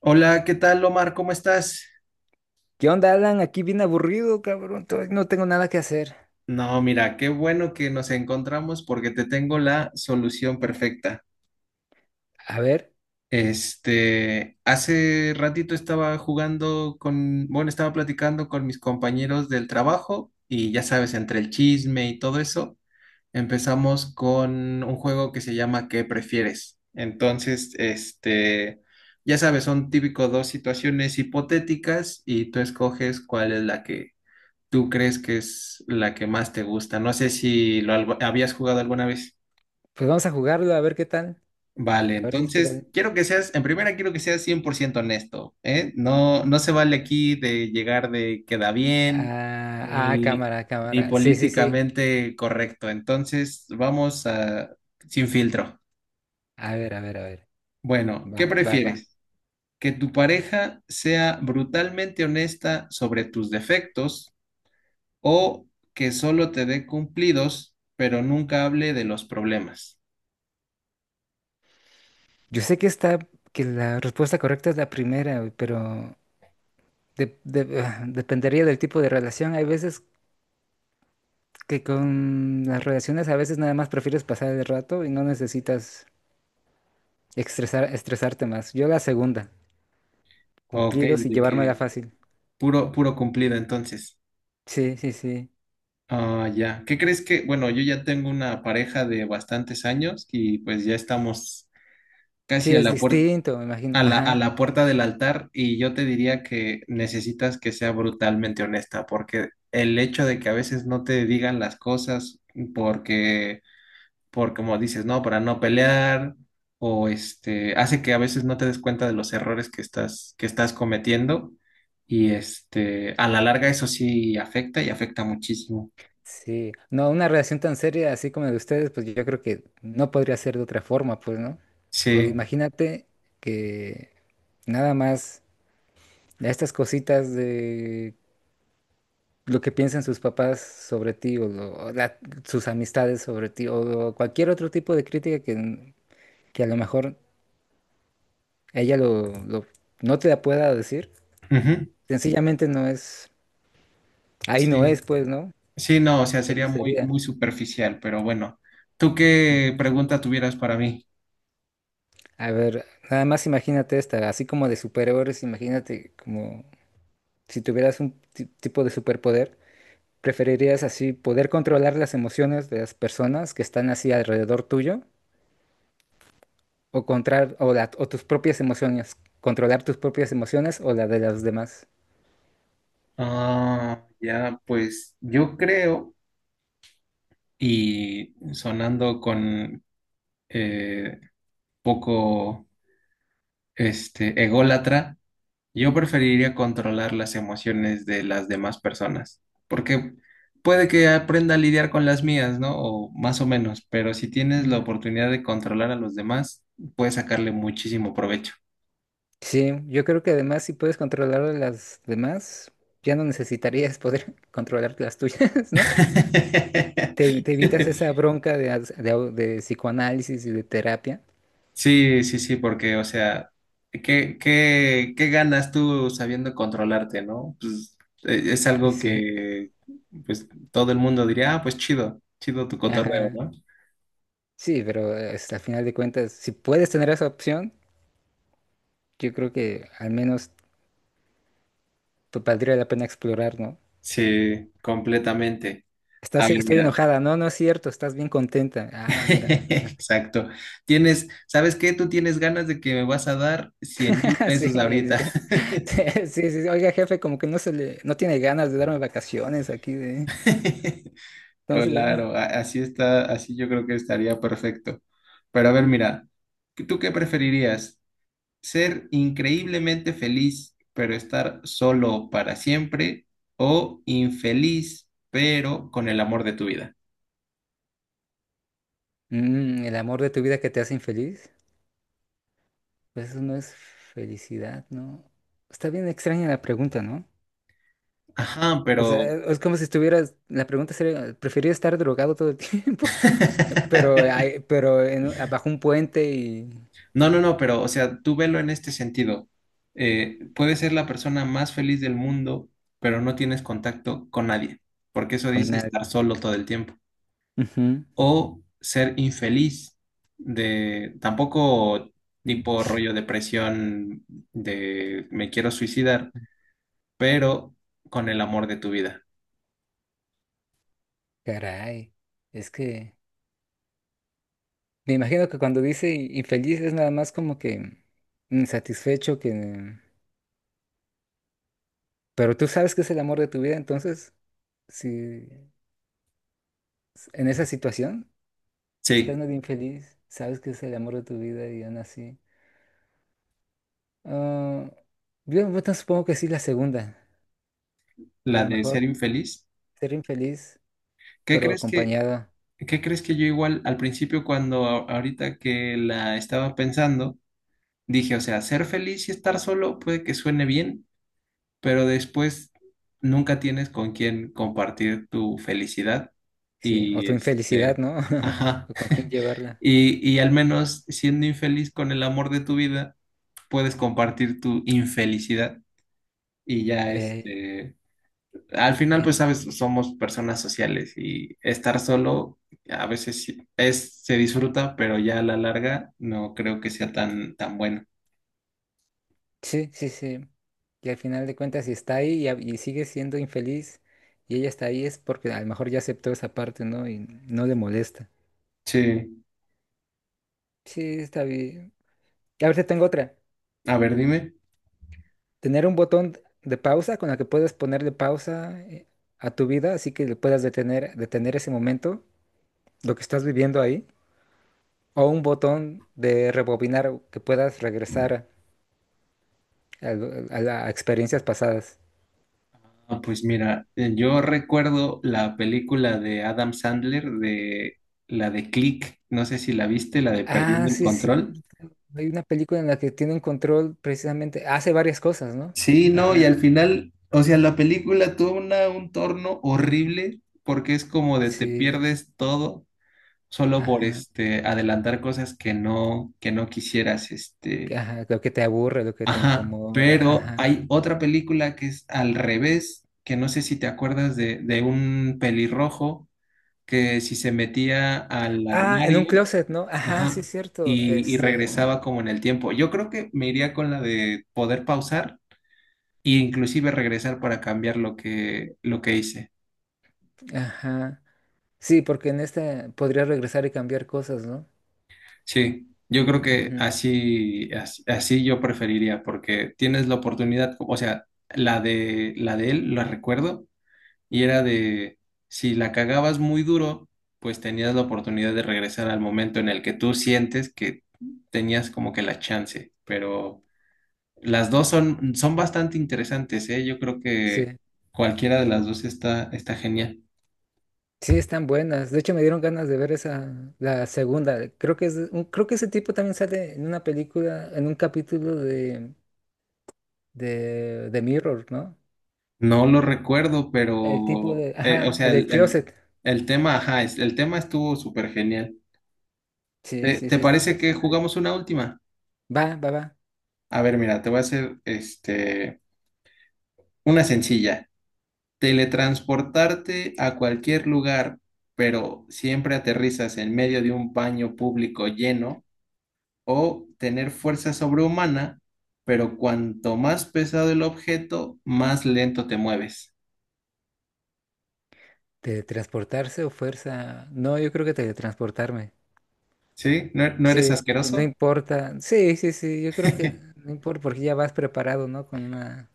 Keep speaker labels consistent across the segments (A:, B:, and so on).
A: Hola, ¿qué tal, Omar? ¿Cómo estás?
B: ¿Qué onda, Alan? Aquí bien aburrido, cabrón. Todavía no tengo nada que hacer.
A: No, mira, qué bueno que nos encontramos porque te tengo la solución perfecta.
B: A ver,
A: Este, hace ratito estaba jugando con, bueno, estaba platicando con mis compañeros del trabajo y ya sabes, entre el chisme y todo eso, empezamos con un juego que se llama ¿qué prefieres? Entonces, este, ya sabes, son típico dos situaciones hipotéticas y tú escoges cuál es la que tú crees que es la que más te gusta. No sé si habías jugado alguna vez.
B: pues vamos a jugarlo, a ver qué tal.
A: Vale,
B: A ver si es que
A: entonces
B: tal.
A: quiero que seas, en primera quiero que seas 100% honesto, ¿eh? No, no se vale aquí de llegar de queda bien, ni,
B: Cámara,
A: ni
B: cámara. Sí, sí, sí.
A: políticamente correcto. Entonces vamos a, sin filtro.
B: A ver, a ver, a ver.
A: Bueno, ¿qué
B: Va, va, va.
A: prefieres? ¿Que tu pareja sea brutalmente honesta sobre tus defectos? ¿O que solo te dé cumplidos, pero nunca hable de los problemas?
B: Yo sé que la respuesta correcta es la primera, güey, pero dependería del tipo de relación. Hay veces que con las relaciones a veces nada más prefieres pasar el rato y no necesitas estresarte más. Yo la segunda,
A: OK,
B: cumplidos y
A: de
B: llevármela
A: que
B: fácil.
A: puro, puro cumplido entonces.
B: Sí, sí, sí.
A: Ah, ya. ¿Qué crees que? Bueno, yo ya tengo una pareja de bastantes años y pues ya estamos
B: Sí,
A: casi a
B: es
A: la puer-
B: distinto, me imagino.
A: a la, a
B: Ajá.
A: la puerta del altar y yo te diría que necesitas que sea brutalmente honesta porque el hecho de que a veces no te digan las cosas porque por como dices, ¿no? Para no pelear o este, hace que a veces no te des cuenta de los errores que estás cometiendo y este, a la larga eso sí afecta y afecta muchísimo.
B: Sí. No, una relación tan seria así como la de ustedes, pues yo creo que no podría ser de otra forma, pues, ¿no? O
A: Sí,
B: imagínate que nada más estas cositas de lo que piensan sus papás sobre ti o, sus amistades sobre ti o cualquier otro tipo de crítica que a lo mejor ella no te la pueda decir.
A: ujú,
B: Sencillamente no es, ahí no es,
A: sí,
B: pues, ¿no?
A: sí, no, o sea,
B: Ahí no
A: sería muy,
B: sería.
A: muy superficial, pero bueno, ¿tú qué
B: Ujú.
A: pregunta tuvieras para mí?
B: A ver, nada más imagínate esta, así como de superhéroes, imagínate como si tuvieras un tipo de superpoder. ¿Preferirías así poder controlar las emociones de las personas que están así alrededor tuyo o controlar o, la- o tus propias emociones, controlar tus propias emociones o la de los demás?
A: Ah, ya, pues yo creo, y sonando con eh, poco este ególatra, yo preferiría controlar las emociones de las demás personas, porque puede que aprenda a lidiar con las mías, ¿no? O más o menos, pero si tienes la
B: Mm.
A: oportunidad de controlar a los demás, puedes sacarle muchísimo provecho.
B: Sí, yo creo que además si puedes controlar a las demás, ya no necesitarías poder controlar las tuyas, ¿no? Te evitas esa bronca de, de psicoanálisis y de terapia.
A: Sí, sí, sí, porque, o sea, ¿qué ganas tú sabiendo controlarte, ¿no? Pues es algo
B: Sí.
A: que, pues, todo el mundo diría, ah, pues chido, chido tu cotorreo,
B: Ajá.
A: ¿no?
B: Sí, pero hasta al final de cuentas, si puedes tener esa opción, yo creo que al menos te valdría la pena explorar, ¿no?
A: Sí, completamente. A ver,
B: Estoy
A: mira.
B: enojada, no, no es cierto, estás bien contenta. Ah, mira.
A: Exacto. Tienes, ¿sabes qué? Tú tienes ganas de que me vas a dar cien mil
B: Sí, sí,
A: pesos ahorita.
B: sí, sí, sí. Oiga, jefe, como que no tiene ganas de darme vacaciones aquí de. Entonces,
A: Claro, así está, así yo creo que estaría perfecto. Pero a ver, mira, ¿tú qué preferirías? ¿Ser increíblemente feliz, pero estar solo para siempre? ¿O infeliz, pero con el amor de tu vida?
B: mm, el amor de tu vida que te hace infeliz, pues eso no es felicidad, ¿no? Está bien extraña la pregunta, ¿no?
A: Ajá,
B: O sea,
A: pero
B: es como si estuvieras, la pregunta sería, ¿preferiría estar drogado todo el tiempo? Pero, abajo un puente y
A: no, no, no, pero, o sea, tú velo en este sentido. Puedes ser la persona más feliz del mundo, pero no tienes contacto con nadie, porque eso
B: con
A: dice
B: nadie.
A: estar solo todo el tiempo.
B: Ujú.
A: O ser infeliz, de tampoco
B: Mm,
A: tipo rollo depresión de me quiero suicidar, pero con el amor de tu vida.
B: caray, es que me imagino que cuando dice infeliz es nada más como que insatisfecho que... Pero tú sabes que es el amor de tu vida, entonces, si en esa situación, si estás
A: Sí,
B: medio infeliz, sabes que es el amor de tu vida y aún así... ah, yo bueno, supongo que sí la segunda. A
A: la
B: lo
A: de ser
B: mejor
A: infeliz.
B: ser infeliz,
A: ¿Qué
B: pero
A: crees que,
B: acompañado.
A: qué crees que yo igual al principio cuando ahorita que la estaba pensando? Dije, o sea, ser feliz y estar solo puede que suene bien, pero después nunca tienes con quién compartir tu felicidad.
B: Sí, o
A: Y
B: tu infelicidad,
A: este,
B: ¿no?
A: ajá.
B: O con quién llevarla.
A: Y al menos siendo infeliz con el amor de tu vida, puedes compartir tu infelicidad. Y ya
B: Eh,
A: este, al final, pues
B: eh,
A: sabes, somos personas sociales y estar solo a veces sí es, se disfruta, pero ya a la larga no creo que sea tan, tan bueno.
B: sí, sí, sí. Y al final de cuentas, si está ahí y, y sigue siendo infeliz y ella está ahí, es porque a lo mejor ya aceptó esa parte, ¿no? Y no le molesta.
A: Sí.
B: Sí, está bien. Y ahorita tengo otra.
A: A ver, dime.
B: Tener un botón de pausa con el que puedas ponerle pausa, a tu vida, así que le puedas detener ese momento, lo que estás viviendo ahí. O un botón de rebobinar que puedas regresar a, a experiencias pasadas.
A: Ah, pues mira, yo recuerdo la película de Adam Sandler de la de Click, no sé si la viste, la de
B: Ah,
A: Perdiendo el
B: sí, es
A: Control.
B: cierto. Hay una película en la que tienen control precisamente, hace varias cosas, ¿no?
A: Sí, no, y al
B: Ajá,
A: final, o sea, la película tuvo una, un torno horrible porque es como de te
B: sí,
A: pierdes todo solo por
B: ajá,
A: este adelantar cosas que no quisieras, este,
B: ajá, lo que te aburre, lo que te
A: ajá,
B: incomoda,
A: pero
B: ajá.
A: hay otra película que es al revés, que no sé si te acuerdas de un pelirrojo que si se metía al
B: Ah, en un
A: armario,
B: closet, ¿no? Ajá, sí,
A: ajá,
B: es cierto,
A: y
B: este,
A: regresaba como en el tiempo. Yo creo que me iría con la de poder pausar e inclusive regresar para cambiar lo que hice.
B: ajá. Sí, porque en este podría regresar y cambiar cosas, ¿no?
A: Sí, yo creo que
B: Ujú.
A: así, así, yo preferiría, porque tienes la oportunidad, o sea, la de él, la recuerdo, y era de, si la cagabas muy duro, pues tenías la oportunidad de regresar al momento en el que tú sientes que tenías como que la chance, pero las dos son bastante interesantes, ¿eh? Yo creo
B: Sí,
A: que cualquiera de las dos está, está genial.
B: sí, están buenas. De hecho, me dieron ganas de ver esa, la segunda. Creo que es, creo que ese tipo también sale en una película, en un capítulo de, de Mirror, ¿no?
A: No lo recuerdo,
B: El tipo
A: pero,
B: de,
A: o
B: ajá,
A: sea,
B: el del
A: el, el,
B: closet.
A: el tema, ajá, el tema estuvo súper genial.
B: Sí,
A: ¿Te,
B: sí,
A: te
B: sí, está
A: parece que
B: interesante.
A: jugamos una última?
B: Va, va, va.
A: A ver, mira, te voy a hacer, este, una sencilla. Teletransportarte a cualquier lugar, pero siempre aterrizas en medio de un baño público lleno, o tener fuerza sobrehumana, pero cuanto más pesado el objeto, más lento te mueves.
B: ¿Teletransportarse o fuerza? No, yo creo que teletransportarme.
A: ¿Sí? ¿No, no eres
B: Sí, no
A: asqueroso?
B: importa. Sí, sí, sí, yo creo que no importa porque ya vas preparado, ¿no? Con una...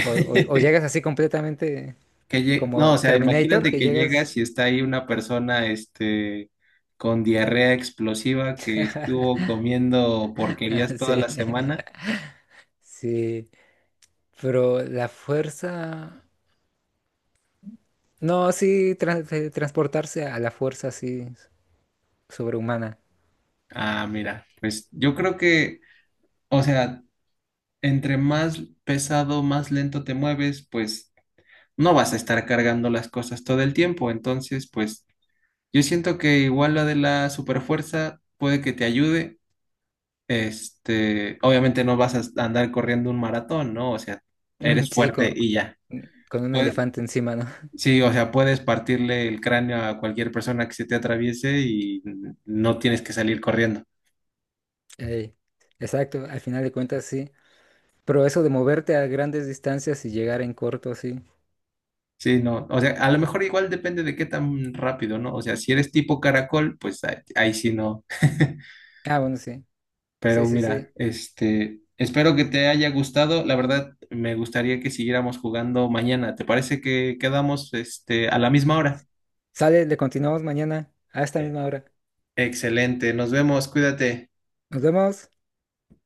B: O, o llegas así completamente
A: No,
B: como
A: o sea,
B: Terminator,
A: imagínate
B: que
A: que
B: llegas...
A: llegas y está ahí una persona, este, con diarrea explosiva que estuvo comiendo porquerías toda
B: Sí,
A: la semana.
B: sí. Pero la fuerza... No, sí, transportarse a la fuerza así sobrehumana.
A: Ah, mira, pues yo creo que, o sea, entre más pesado, más lento te mueves, pues no vas a estar cargando las cosas todo el tiempo. Entonces, pues yo siento que igual lo de la superfuerza puede que te ayude. Este, obviamente no vas a andar corriendo un maratón, ¿no? O sea,
B: Mm,
A: eres
B: sí,
A: fuerte y ya.
B: con un
A: Pues,
B: elefante encima, ¿no?
A: sí, o sea, puedes partirle el cráneo a cualquier persona que se te atraviese y no tienes que salir corriendo.
B: Ey, exacto, al final de cuentas sí. Pero eso de moverte a grandes distancias y llegar en corto, sí.
A: Sí, no. O sea, a lo mejor igual depende de qué tan rápido, ¿no? O sea, si eres tipo caracol, pues ahí, ahí sí no.
B: Ah, bueno, sí. Sí,
A: Pero
B: sí,
A: mira,
B: sí.
A: este, espero que te haya gustado. La verdad, me gustaría que siguiéramos jugando mañana. ¿Te parece que quedamos, este, a la misma hora?
B: Sale, le continuamos mañana a esta misma hora.
A: Excelente, nos vemos, cuídate.
B: Nos vemos.